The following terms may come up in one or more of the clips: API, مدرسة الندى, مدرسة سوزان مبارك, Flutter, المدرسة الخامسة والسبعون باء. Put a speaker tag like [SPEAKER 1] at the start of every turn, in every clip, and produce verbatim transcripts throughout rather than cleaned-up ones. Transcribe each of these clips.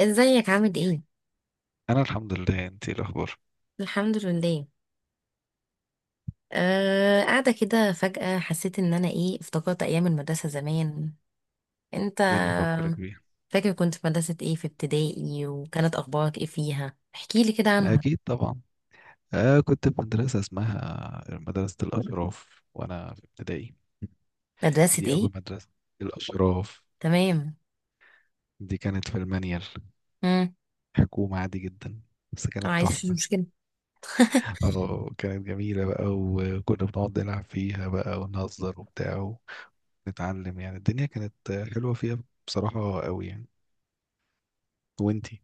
[SPEAKER 1] ازيك عامل ايه؟
[SPEAKER 2] انا الحمد لله، انت إيه الاخبار؟
[SPEAKER 1] الحمد لله. آه، قاعده كده فجأة حسيت ان انا ايه افتكرت ايام المدرسه زمان. انت
[SPEAKER 2] ايه اللي فكرك بيه؟
[SPEAKER 1] فاكر كنت في مدرسه ايه في ابتدائي؟ وكانت اخبارك ايه فيها؟ احكي لي كده عنها.
[SPEAKER 2] اكيد طبعا. آه، كنت في مدرسه اسمها مدرسه الاشراف وانا في ابتدائي.
[SPEAKER 1] مدرسه
[SPEAKER 2] دي
[SPEAKER 1] ايه؟
[SPEAKER 2] اول مدرسه. الاشراف.
[SPEAKER 1] تمام.
[SPEAKER 2] دي كانت في المنيل.
[SPEAKER 1] امم
[SPEAKER 2] حكومه عادي جدا. بس كانت
[SPEAKER 1] عايز في
[SPEAKER 2] تحفه.
[SPEAKER 1] مشكله.
[SPEAKER 2] اه، كانت جميله بقى، وكنا بنقعد نلعب فيها بقى ونهزر وبتاع. ونتعلم، يعني الدنيا كانت حلوه فيها. بصراحه قوي يعني. وانتي؟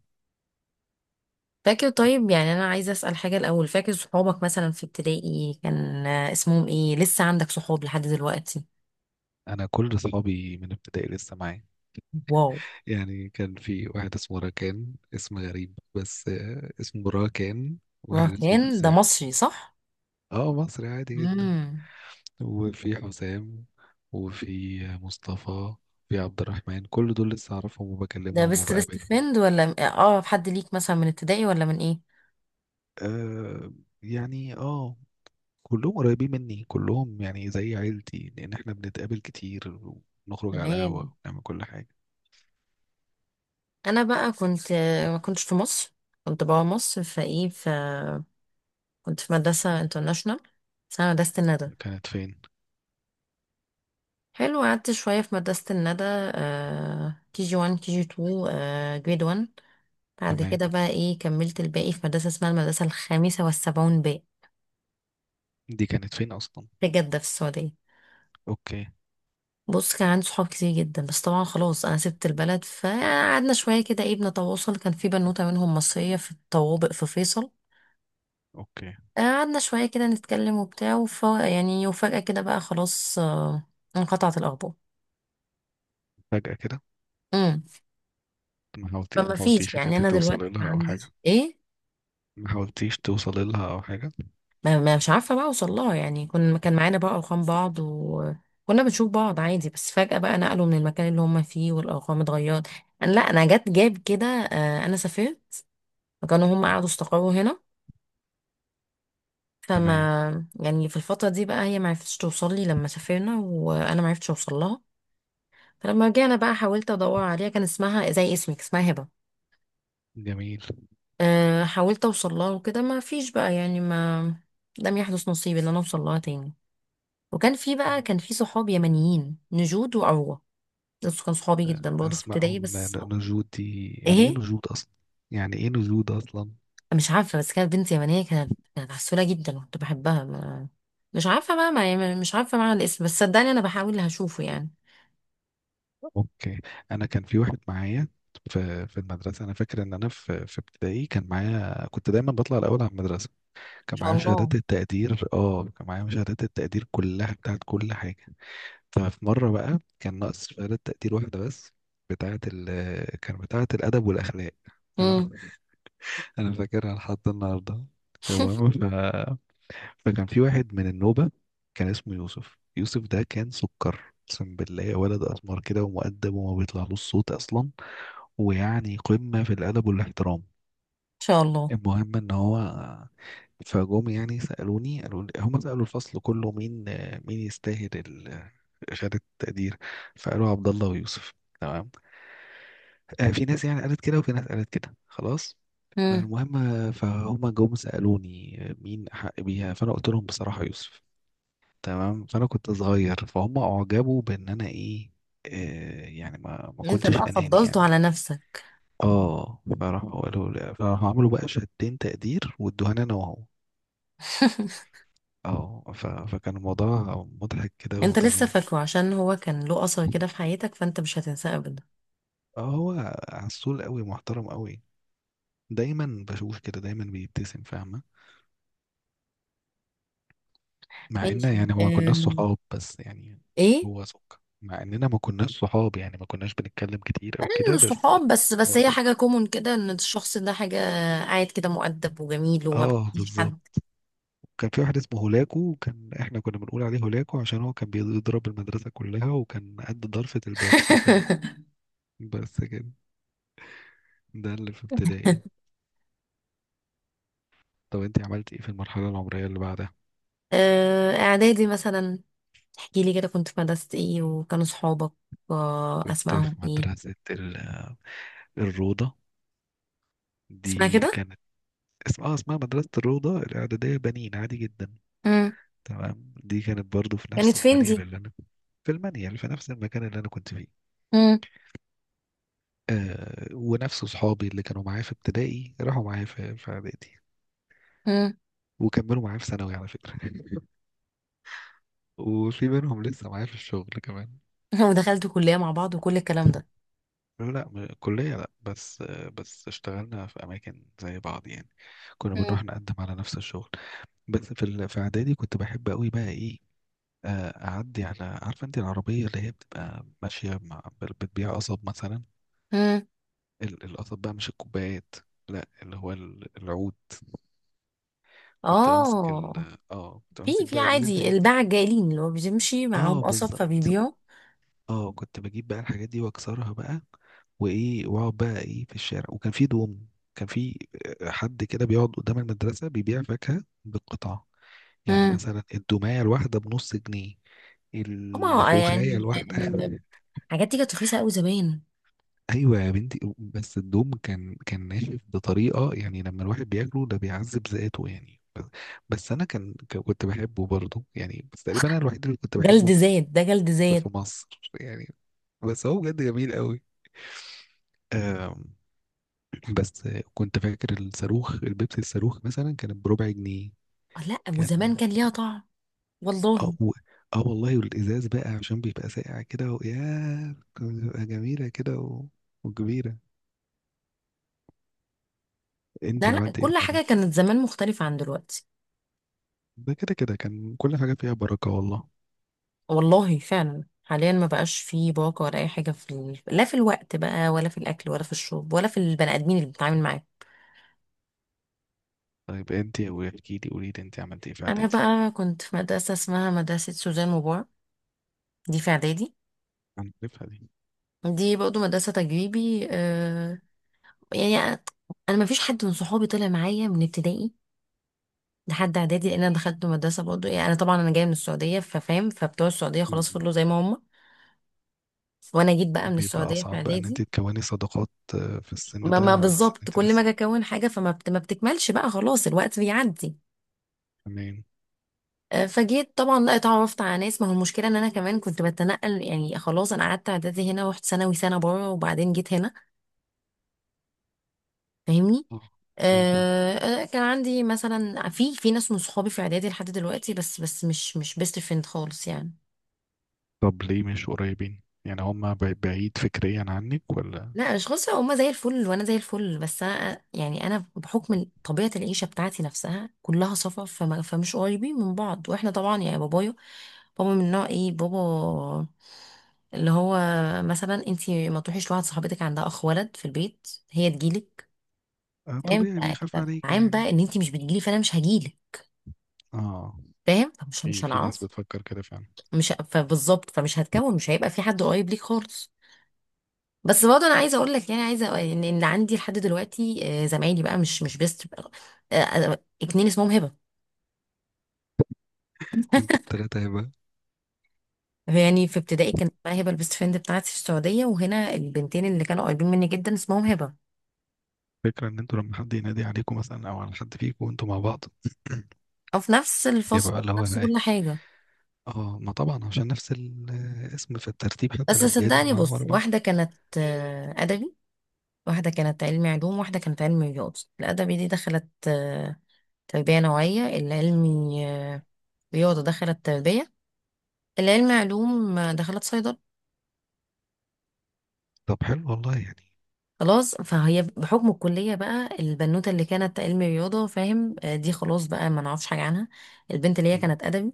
[SPEAKER 1] فاكر؟ طيب يعني انا عايزه اسال حاجه الاول، فاكر صحابك مثلا في ابتدائي كان آه، اسمهم ايه؟ لسه عندك صحاب لحد دلوقتي؟
[SPEAKER 2] انا كل اصحابي من ابتدائي لسه معايا.
[SPEAKER 1] واو.
[SPEAKER 2] يعني كان في واحد اسمه راكان، اسم غريب بس آه، اسمه راكان،
[SPEAKER 1] آه،
[SPEAKER 2] واحد اسمه
[SPEAKER 1] كان ده
[SPEAKER 2] حسام.
[SPEAKER 1] مصري صح؟
[SPEAKER 2] اه، مصري عادي جدا.
[SPEAKER 1] امم
[SPEAKER 2] وفي حسام. وفي مصطفى. في عبد الرحمن، كل دول لسه اعرفهم
[SPEAKER 1] ده
[SPEAKER 2] وبكلمهم
[SPEAKER 1] بيست بيست
[SPEAKER 2] وبقابلهم.
[SPEAKER 1] فريند ولا اه حد ليك مثلا من ابتدائي ولا من ايه؟
[SPEAKER 2] آه، يعني اه كلهم قريبين مني، كلهم يعني زي عيلتي، لان احنا بنتقابل كتير. ونخرج على القهوة
[SPEAKER 1] تمام.
[SPEAKER 2] ونعمل كل حاجة.
[SPEAKER 1] انا بقى كنت، ما كنتش في مصر، كنت بابا مصر فايه ف كنت في مدرسة انترناشونال اسمها مدرسة الندى.
[SPEAKER 2] كانت فين؟
[SPEAKER 1] حلو، قعدت شوية في مدرسة الندى، آه، كي جي واحد كي جي اتنين جريد واحد. بعد
[SPEAKER 2] تمام،
[SPEAKER 1] كده بقى ايه كملت الباقي في مدرسة اسمها المدرسة الخامسة والسبعون باء،
[SPEAKER 2] دي كانت فين اصلا؟
[SPEAKER 1] في جدة في السعودية.
[SPEAKER 2] اوكي.
[SPEAKER 1] بص، كان عندي صحاب كتير جدا، بس طبعا خلاص انا سبت البلد، فقعدنا شويه كده ايه بنتواصل. كان في بنوته منهم مصريه في الطوابق في فيصل،
[SPEAKER 2] اوكي.
[SPEAKER 1] قعدنا شويه كده نتكلم وبتاع، وف... يعني وفجاه كده بقى خلاص آه، انقطعت الاخبار.
[SPEAKER 2] فجأة كده؟
[SPEAKER 1] امم
[SPEAKER 2] ما حاولتي ما
[SPEAKER 1] فما فيش،
[SPEAKER 2] حاولتيش ان
[SPEAKER 1] يعني
[SPEAKER 2] انت
[SPEAKER 1] انا
[SPEAKER 2] توصلي
[SPEAKER 1] دلوقتي ما
[SPEAKER 2] لها او حاجه؟
[SPEAKER 1] عنديش ايه
[SPEAKER 2] ما حاولتيش توصلي لها او حاجه؟
[SPEAKER 1] ما ما مش عارفه بقى اوصل لها. يعني كنا كان معانا بقى ارقام بعض، وكنا بنشوف بعض عادي، بس فجاه بقى نقلوا من المكان اللي هم فيه، والارقام اتغيرت. أنا- لا انا جت جاب كده، آه، انا سافرت. فكانوا هم
[SPEAKER 2] اه.
[SPEAKER 1] قعدوا استقروا هنا.
[SPEAKER 2] تمام.
[SPEAKER 1] فما يعني في الفترة دي بقى هي معرفتش توصل لي لما سافرنا، وانا معرفتش اوصل لها. فلما رجعنا بقى حاولت ادور عليها. كان اسمها زي اسمك، اسمها هبة.
[SPEAKER 2] جميل.
[SPEAKER 1] أه حاولت اوصل لها وكده، ما فيش بقى، يعني ما، لم يحدث نصيب ان انا اوصل لها تاني. وكان في بقى، كان في صحاب يمنيين، نجود وعروة. دول كانوا صحابي جدا برضه في ابتدائي
[SPEAKER 2] اسمائهم ن-
[SPEAKER 1] بس.
[SPEAKER 2] ن- نجود، دي يعني ايه
[SPEAKER 1] ايه؟
[SPEAKER 2] نجود اصلا؟ يعني ايه نجود اصلا؟
[SPEAKER 1] مش عارفة، بس كانت بنت يمنية، كانت كانت عسولة جدا وكنت بحبها. ما مش عارفة بقى، ما يعني مش عارفة معنى الاسم، بس صدقني انا بحاول هشوفه يعني ان
[SPEAKER 2] اوكي. انا كان في واحد معايا في في المدرسه، انا فاكر ان انا في في ابتدائي كان معايا، كنت دايما بطلع الاول على المدرسه. كان
[SPEAKER 1] شاء
[SPEAKER 2] معايا
[SPEAKER 1] الله.
[SPEAKER 2] شهادات التقدير اه كان معايا شهادات التقدير كلها بتاعت كل حاجه. ففي مرة بقى كان ناقص شهادة تقدير واحدة بس، بتاعة ال كان بتاعة الأدب والأخلاق.
[SPEAKER 1] امم ان
[SPEAKER 2] تمام؟ أنا فاكرها لحد النهاردة. المهم ف... فكان في واحد من النوبة، كان اسمه يوسف، يوسف ده كان سكر. أقسم بالله، ولد أسمر كده ومؤدب وما بيطلعلوش صوت أصلا. ويعني قمة في الأدب والاحترام.
[SPEAKER 1] شاء الله.
[SPEAKER 2] المهم ان هو فجم يعني سألوني، قالوا لي هم سألوا الفصل كله مين، مين يستاهل ال- شهادة التقدير؟ فقالوا عبد الله ويوسف. تمام. آه، في ناس يعني قالت كده وفي ناس قالت كده، خلاص.
[SPEAKER 1] امم
[SPEAKER 2] فالمهم آه، فهم جم سألوني آه، مين أحق بيها، فأنا قلت لهم بصراحة يوسف. تمام، فأنا كنت صغير، فهم أعجبوا بإن أنا إيه. آه، يعني ما ما
[SPEAKER 1] انت
[SPEAKER 2] كنتش
[SPEAKER 1] بقى
[SPEAKER 2] أناني
[SPEAKER 1] فضلته
[SPEAKER 2] يعني.
[SPEAKER 1] على نفسك.
[SPEAKER 2] اه، فراحوا قالوا لي- فراحوا عملوا بقى شهادتين تقدير وادوها لي انا وهو. اه، ف... فكان الموضوع مضحك كده
[SPEAKER 1] انت لسه
[SPEAKER 2] وجميل.
[SPEAKER 1] فاكره عشان هو كان له اثر كده في حياتك، فانت مش هتنساه ابدا.
[SPEAKER 2] اه، هو عسول قوي، محترم قوي. دايما بشوف كده، دايما بيبتسم، فاهمة؟ مع ان
[SPEAKER 1] ماشي.
[SPEAKER 2] يعني ما كناش
[SPEAKER 1] أم...
[SPEAKER 2] صحاب بس يعني.
[SPEAKER 1] ايه؟
[SPEAKER 2] هو سك مع اننا ما كناش صحاب، يعني ما كناش بنتكلم كتير او
[SPEAKER 1] انا من
[SPEAKER 2] كده، بس.
[SPEAKER 1] الصحاب، بس بس
[SPEAKER 2] هو
[SPEAKER 1] هي
[SPEAKER 2] سك.
[SPEAKER 1] حاجه كومون كده، ان الشخص ده حاجه قاعد كده مؤدب وجميل وما
[SPEAKER 2] اه،
[SPEAKER 1] بيأذيش
[SPEAKER 2] بالظبط.
[SPEAKER 1] حد.
[SPEAKER 2] كان في واحد اسمه هولاكو، وكان احنا كنا بنقول عليه هولاكو عشان هو كان بيضرب المدرسة كلها، وكان قد ضرفة الباب حرفيا. بس كده. ده اللي في ابتدائي. طب انت عملت ايه في المرحلة العمرية اللي بعدها؟
[SPEAKER 1] أه، اعدادي مثلا، احكي لي كده كنت في مدرسه ايه وكانوا صحابك أه،
[SPEAKER 2] كنت
[SPEAKER 1] اسمائهم
[SPEAKER 2] في
[SPEAKER 1] ايه.
[SPEAKER 2] مدرسة ال- الروضة.
[SPEAKER 1] اسمها
[SPEAKER 2] دي
[SPEAKER 1] كده؟
[SPEAKER 2] كانت اسمها آه، اسمها مدرسة الروضة الإعدادية بنين، عادي جدا.
[SPEAKER 1] امم
[SPEAKER 2] تمام، دي كانت برضو في
[SPEAKER 1] كانت
[SPEAKER 2] نفس
[SPEAKER 1] فين
[SPEAKER 2] المنيل
[SPEAKER 1] دي؟
[SPEAKER 2] اللي أنا. في المنيل، في نفس المكان اللي أنا كنت فيه.
[SPEAKER 1] امم
[SPEAKER 2] آه، ونفس صحابي اللي كانوا معايا في ابتدائي راحوا معايا في في إعدادي.
[SPEAKER 1] امم
[SPEAKER 2] وكملوا معايا في ثانوي على فكرة وفي منهم لسه معايا في الشغل كمان.
[SPEAKER 1] ودخلتوا كليه مع بعض وكل الكلام ده؟
[SPEAKER 2] لا، لا، م- كلية لا، بس بس اشتغلنا في أماكن زي بعض يعني. كنا بنروح
[SPEAKER 1] مم.
[SPEAKER 2] نقدم على نفس الشغل. بس في ال- في اعدادي كنت بحب قوي بقى ايه، آه، اعدي على، عارفه انت العربيه اللي هي بتبقى ماشيه مع بتبيع قصب مثلا؟
[SPEAKER 1] مم.
[SPEAKER 2] ال- القصب بقى مش الكوبايات، لا، اللي هو ال- العود. كنت بمسك
[SPEAKER 1] اه،
[SPEAKER 2] ال اه كنت
[SPEAKER 1] في
[SPEAKER 2] بمسك
[SPEAKER 1] في
[SPEAKER 2] بقى اجيب
[SPEAKER 1] عادي
[SPEAKER 2] الحاجات دي.
[SPEAKER 1] الباعة الجاهلين اللي هو بيمشي معاهم
[SPEAKER 2] اه،
[SPEAKER 1] قصب
[SPEAKER 2] بالظبط.
[SPEAKER 1] فبيبيعوا.
[SPEAKER 2] اه، كنت بجيب بقى الحاجات دي واكسرها بقى، وايه، واقعد بقى ايه في الشارع، وكان في دوم. كان في آه، حد كده بيقعد قدام المدرسة بيبيع فاكهة بالقطع. يعني
[SPEAKER 1] مم.
[SPEAKER 2] مثلا الدوماية الواحدة بنص جنيه،
[SPEAKER 1] طبعا، آه،
[SPEAKER 2] الخوخاية
[SPEAKER 1] يعني
[SPEAKER 2] الواحدة
[SPEAKER 1] آه، آه، حاجات دي كانت رخيصة قوي زمان.
[SPEAKER 2] أيوة يا بنتي، بس الدوم كان كان ناشف بطريقة، يعني لما الواحد بياكله ده بيعذب ذاته يعني، بس، بس أنا كان ك- كنت بحبه برضه يعني، بس تقريبا أنا الوحيد اللي كنت بحبه
[SPEAKER 1] جلد
[SPEAKER 2] في،
[SPEAKER 1] زاد، ده جلد زاد.
[SPEAKER 2] في مصر يعني. بس هو بجد جميل قوي. بس كنت فاكر الصاروخ البيبسي، الصاروخ مثلا كان بربع جنيه.
[SPEAKER 1] آه، لا
[SPEAKER 2] كان،
[SPEAKER 1] وزمان كان ليها طعم. والله.
[SPEAKER 2] اه، و- اه والله، والازاز بقى عشان بيبقى ساقع كده، وياه كانت بتبقى جميله كده، و... وكبيره. انت
[SPEAKER 1] لا لا،
[SPEAKER 2] عملت ايه في
[SPEAKER 1] كل حاجة
[SPEAKER 2] عاداتي؟
[SPEAKER 1] كانت زمان مختلفة عن دلوقتي.
[SPEAKER 2] ده كده كده كان كل حاجه فيها بركه والله.
[SPEAKER 1] والله فعلا، حاليا ما بقاش فيه باقة ولا أي حاجة في ال... لا في الوقت بقى ولا في الأكل ولا في الشرب ولا في البني آدمين اللي بتتعامل معاهم.
[SPEAKER 2] طيب انت، واحكي لي، قولي لي انت عملت ايه في
[SPEAKER 1] أنا
[SPEAKER 2] عاداتي؟
[SPEAKER 1] بقى كنت في مدرسة اسمها مدرسة سوزان مبارك، دي في إعدادي.
[SPEAKER 2] هنعرفها دي؟
[SPEAKER 1] دي برضه مدرسة تجريبي آه، يعني انا ما فيش حد من صحابي طلع معايا من ابتدائي لحد اعدادي، لان انا دخلت مدرسة برضه، يعني انا طبعا انا جاية من السعودية، ففاهم فبتوع السعودية
[SPEAKER 2] مم.
[SPEAKER 1] خلاص فضلوا زي ما هم، وانا جيت بقى من
[SPEAKER 2] بيبقى
[SPEAKER 1] السعودية في
[SPEAKER 2] اصعب بقى ان
[SPEAKER 1] اعدادي.
[SPEAKER 2] انت تكوني صداقات، آه، في السن
[SPEAKER 1] ما,
[SPEAKER 2] ده
[SPEAKER 1] ما
[SPEAKER 2] على اساس ان
[SPEAKER 1] بالظبط،
[SPEAKER 2] انت
[SPEAKER 1] كل ما
[SPEAKER 2] لسه.
[SPEAKER 1] اجي اكون حاجة فما بت ما بتكملش بقى خلاص، الوقت بيعدي.
[SPEAKER 2] تمام.
[SPEAKER 1] آه، فجيت طبعا لا اتعرفت على ناس، ما هو المشكله ان انا كمان كنت بتنقل، يعني خلاص انا قعدت اعدادي هنا، رحت ثانوي سنه بره، وبعدين جيت هنا. فاهمني؟
[SPEAKER 2] اه،
[SPEAKER 1] آه، انا كان عندي مثلا في في ناس من صحابي في اعدادي لحد دلوقتي، بس بس مش مش بيست فريند خالص يعني.
[SPEAKER 2] طب ليه مش قريبين؟ يعني هما بع- بعيد فكريا عنك ولا؟
[SPEAKER 1] لا مش خالص، هما زي الفل وانا زي الفل، بس انا يعني انا بحكم طبيعه العيشه بتاعتي نفسها كلها سفر، فما فمش قريبين من بعض. واحنا طبعا يعني بابايا، بابا من نوع ايه بابا، اللي هو مثلا انتي ما تروحيش لواحد صاحبتك عندها اخ ولد في البيت، هي تجيلك،
[SPEAKER 2] آه،
[SPEAKER 1] فاهم؟
[SPEAKER 2] طبيعي
[SPEAKER 1] ف-
[SPEAKER 2] بيخاف
[SPEAKER 1] ف-
[SPEAKER 2] عليك
[SPEAKER 1] فعام
[SPEAKER 2] يعني.
[SPEAKER 1] بقى ان انتي مش بتجيلي، فانا مش هجيلك،
[SPEAKER 2] اه،
[SPEAKER 1] فاهم؟ فمش مش
[SPEAKER 2] في في ناس
[SPEAKER 1] هنعرف.
[SPEAKER 2] بتفكر كده فعلا.
[SPEAKER 1] مش فبالظبط، فمش هتكون، مش هيبقى في حد قريب ليك خالص. بس برضه انا عايزه اقول لك، يعني عايزه أقول ان إن عندي لحد دلوقتي آه، زمايلي بقى مش مش بيست، آه، آه، اتنين اسمهم هبه.
[SPEAKER 2] انتوا التلاتة هيبقى
[SPEAKER 1] يعني في ابتدائي كانت بقى هبه البيست فريند بتاعتي في السعوديه، وهنا البنتين اللي كانوا قريبين مني جدا اسمهم هبه.
[SPEAKER 2] فكرة ان انتوا لما حد ينادي عليكم مثلا او على حد فيكم وانتوا مع بعض
[SPEAKER 1] او في نفس الفصل
[SPEAKER 2] يبقى بقى اللي
[SPEAKER 1] في
[SPEAKER 2] هو
[SPEAKER 1] نفس
[SPEAKER 2] بقى
[SPEAKER 1] كل
[SPEAKER 2] ايه؟
[SPEAKER 1] حاجه.
[SPEAKER 2] اه، ما طبعا عشان نفس الاسم في الترتيب، حتى
[SPEAKER 1] بس
[SPEAKER 2] الابجدي
[SPEAKER 1] صدقني
[SPEAKER 2] ما
[SPEAKER 1] بص،
[SPEAKER 2] ورا بعض.
[SPEAKER 1] واحده كانت آه، ادبي، واحده كانت علمي علوم، واحده كانت علمي رياضه. الادبي دي دخلت آه، تربيه نوعيه، العلمي آه، رياضه دخلت تربيه، العلم علوم دخلت صيدلة.
[SPEAKER 2] طب حلو والله يعني.
[SPEAKER 1] خلاص، فهي بحكم الكلية بقى البنوتة اللي كانت علم رياضة، فاهم آه، دي خلاص بقى ما نعرفش حاجة عنها. البنت اللي هي
[SPEAKER 2] م.
[SPEAKER 1] كانت أدبي،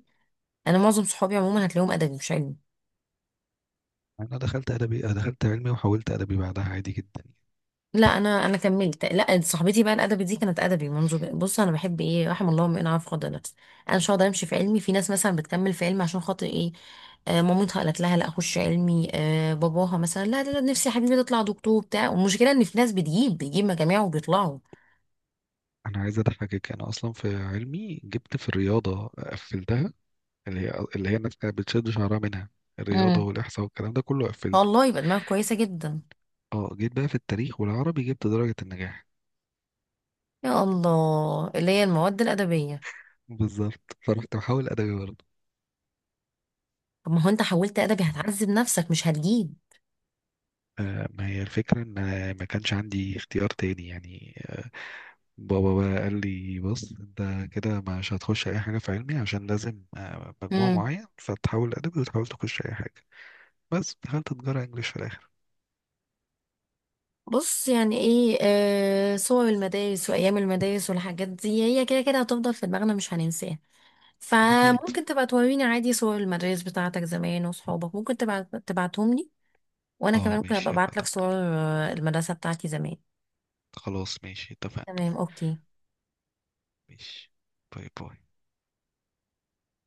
[SPEAKER 1] أنا معظم صحابي عموما هتلاقيهم أدبي مش علمي.
[SPEAKER 2] انا دخلت ادبي أنا دخلت علمي وحولت ادبي بعدها عادي جدا يعني.
[SPEAKER 1] لا أنا أنا كملت، لا صاحبتي بقى الأدبي دي كانت أدبي منذ ب- بص، أنا بحب إيه، رحم الله امرئ عرف قدر نفسه. أنا مش هقدر أمشي في علمي. في ناس مثلا بتكمل في علمي عشان خاطر إيه، آه، مامتها قالت لها لا اخش علمي، آه، باباها مثلا لا لا لا، نفسي يا حبيبي تطلع دكتور بتاع. والمشكله ان في ناس بتجيب بتجيب مجاميع وبيطلعوا.
[SPEAKER 2] انا عايز اضحكك، انا اصلا في علمي جبت في الرياضه قفلتها، اللي هي اللي هي الناس كانت بتشد شعرها منها. الرياضة والإحصاء والكلام ده كله قفلته.
[SPEAKER 1] والله يبقى دماغك كويسة جدا.
[SPEAKER 2] اه، جيت بقى في التاريخ والعربي جبت درجة النجاح.
[SPEAKER 1] يا الله، اللي هي المواد الأدبية.
[SPEAKER 2] بالظبط، فرحت محاول أدبي برضه.
[SPEAKER 1] طب ما هو انت حولت أدبي هتعذب نفسك، مش هتجيب.
[SPEAKER 2] آه، ما هي الفكرة إن أنا ما كانش عندي اختيار تاني يعني آه بابا بقى قال لي بص، أنت كده مش هتخش أي حاجة في علمي عشان لازم آه مجموع
[SPEAKER 1] امم
[SPEAKER 2] معين، فتحاول أدبي وتحاول تخش أي حاجة. بس دخلت تجارة إنجليش في الآخر.
[SPEAKER 1] بص يعني ايه، آه صور المدارس وأيام المدارس والحاجات دي هي كده كده هتفضل في دماغنا، مش هننساها.
[SPEAKER 2] أكيد.
[SPEAKER 1] فممكن تبقى توريني عادي صور المدارس بتاعتك زمان وصحابك، ممكن تبعت تبعتهم لي. وأنا كمان
[SPEAKER 2] اه،
[SPEAKER 1] ممكن أبقى
[SPEAKER 2] ماشي، يلا
[SPEAKER 1] أبعت لك
[SPEAKER 2] طب.
[SPEAKER 1] صور آه، المدرسة بتاعتي زمان.
[SPEAKER 2] خلاص، ماشي، اتفقنا.
[SPEAKER 1] تمام، أوكي.
[SPEAKER 2] ماشي. باي باي.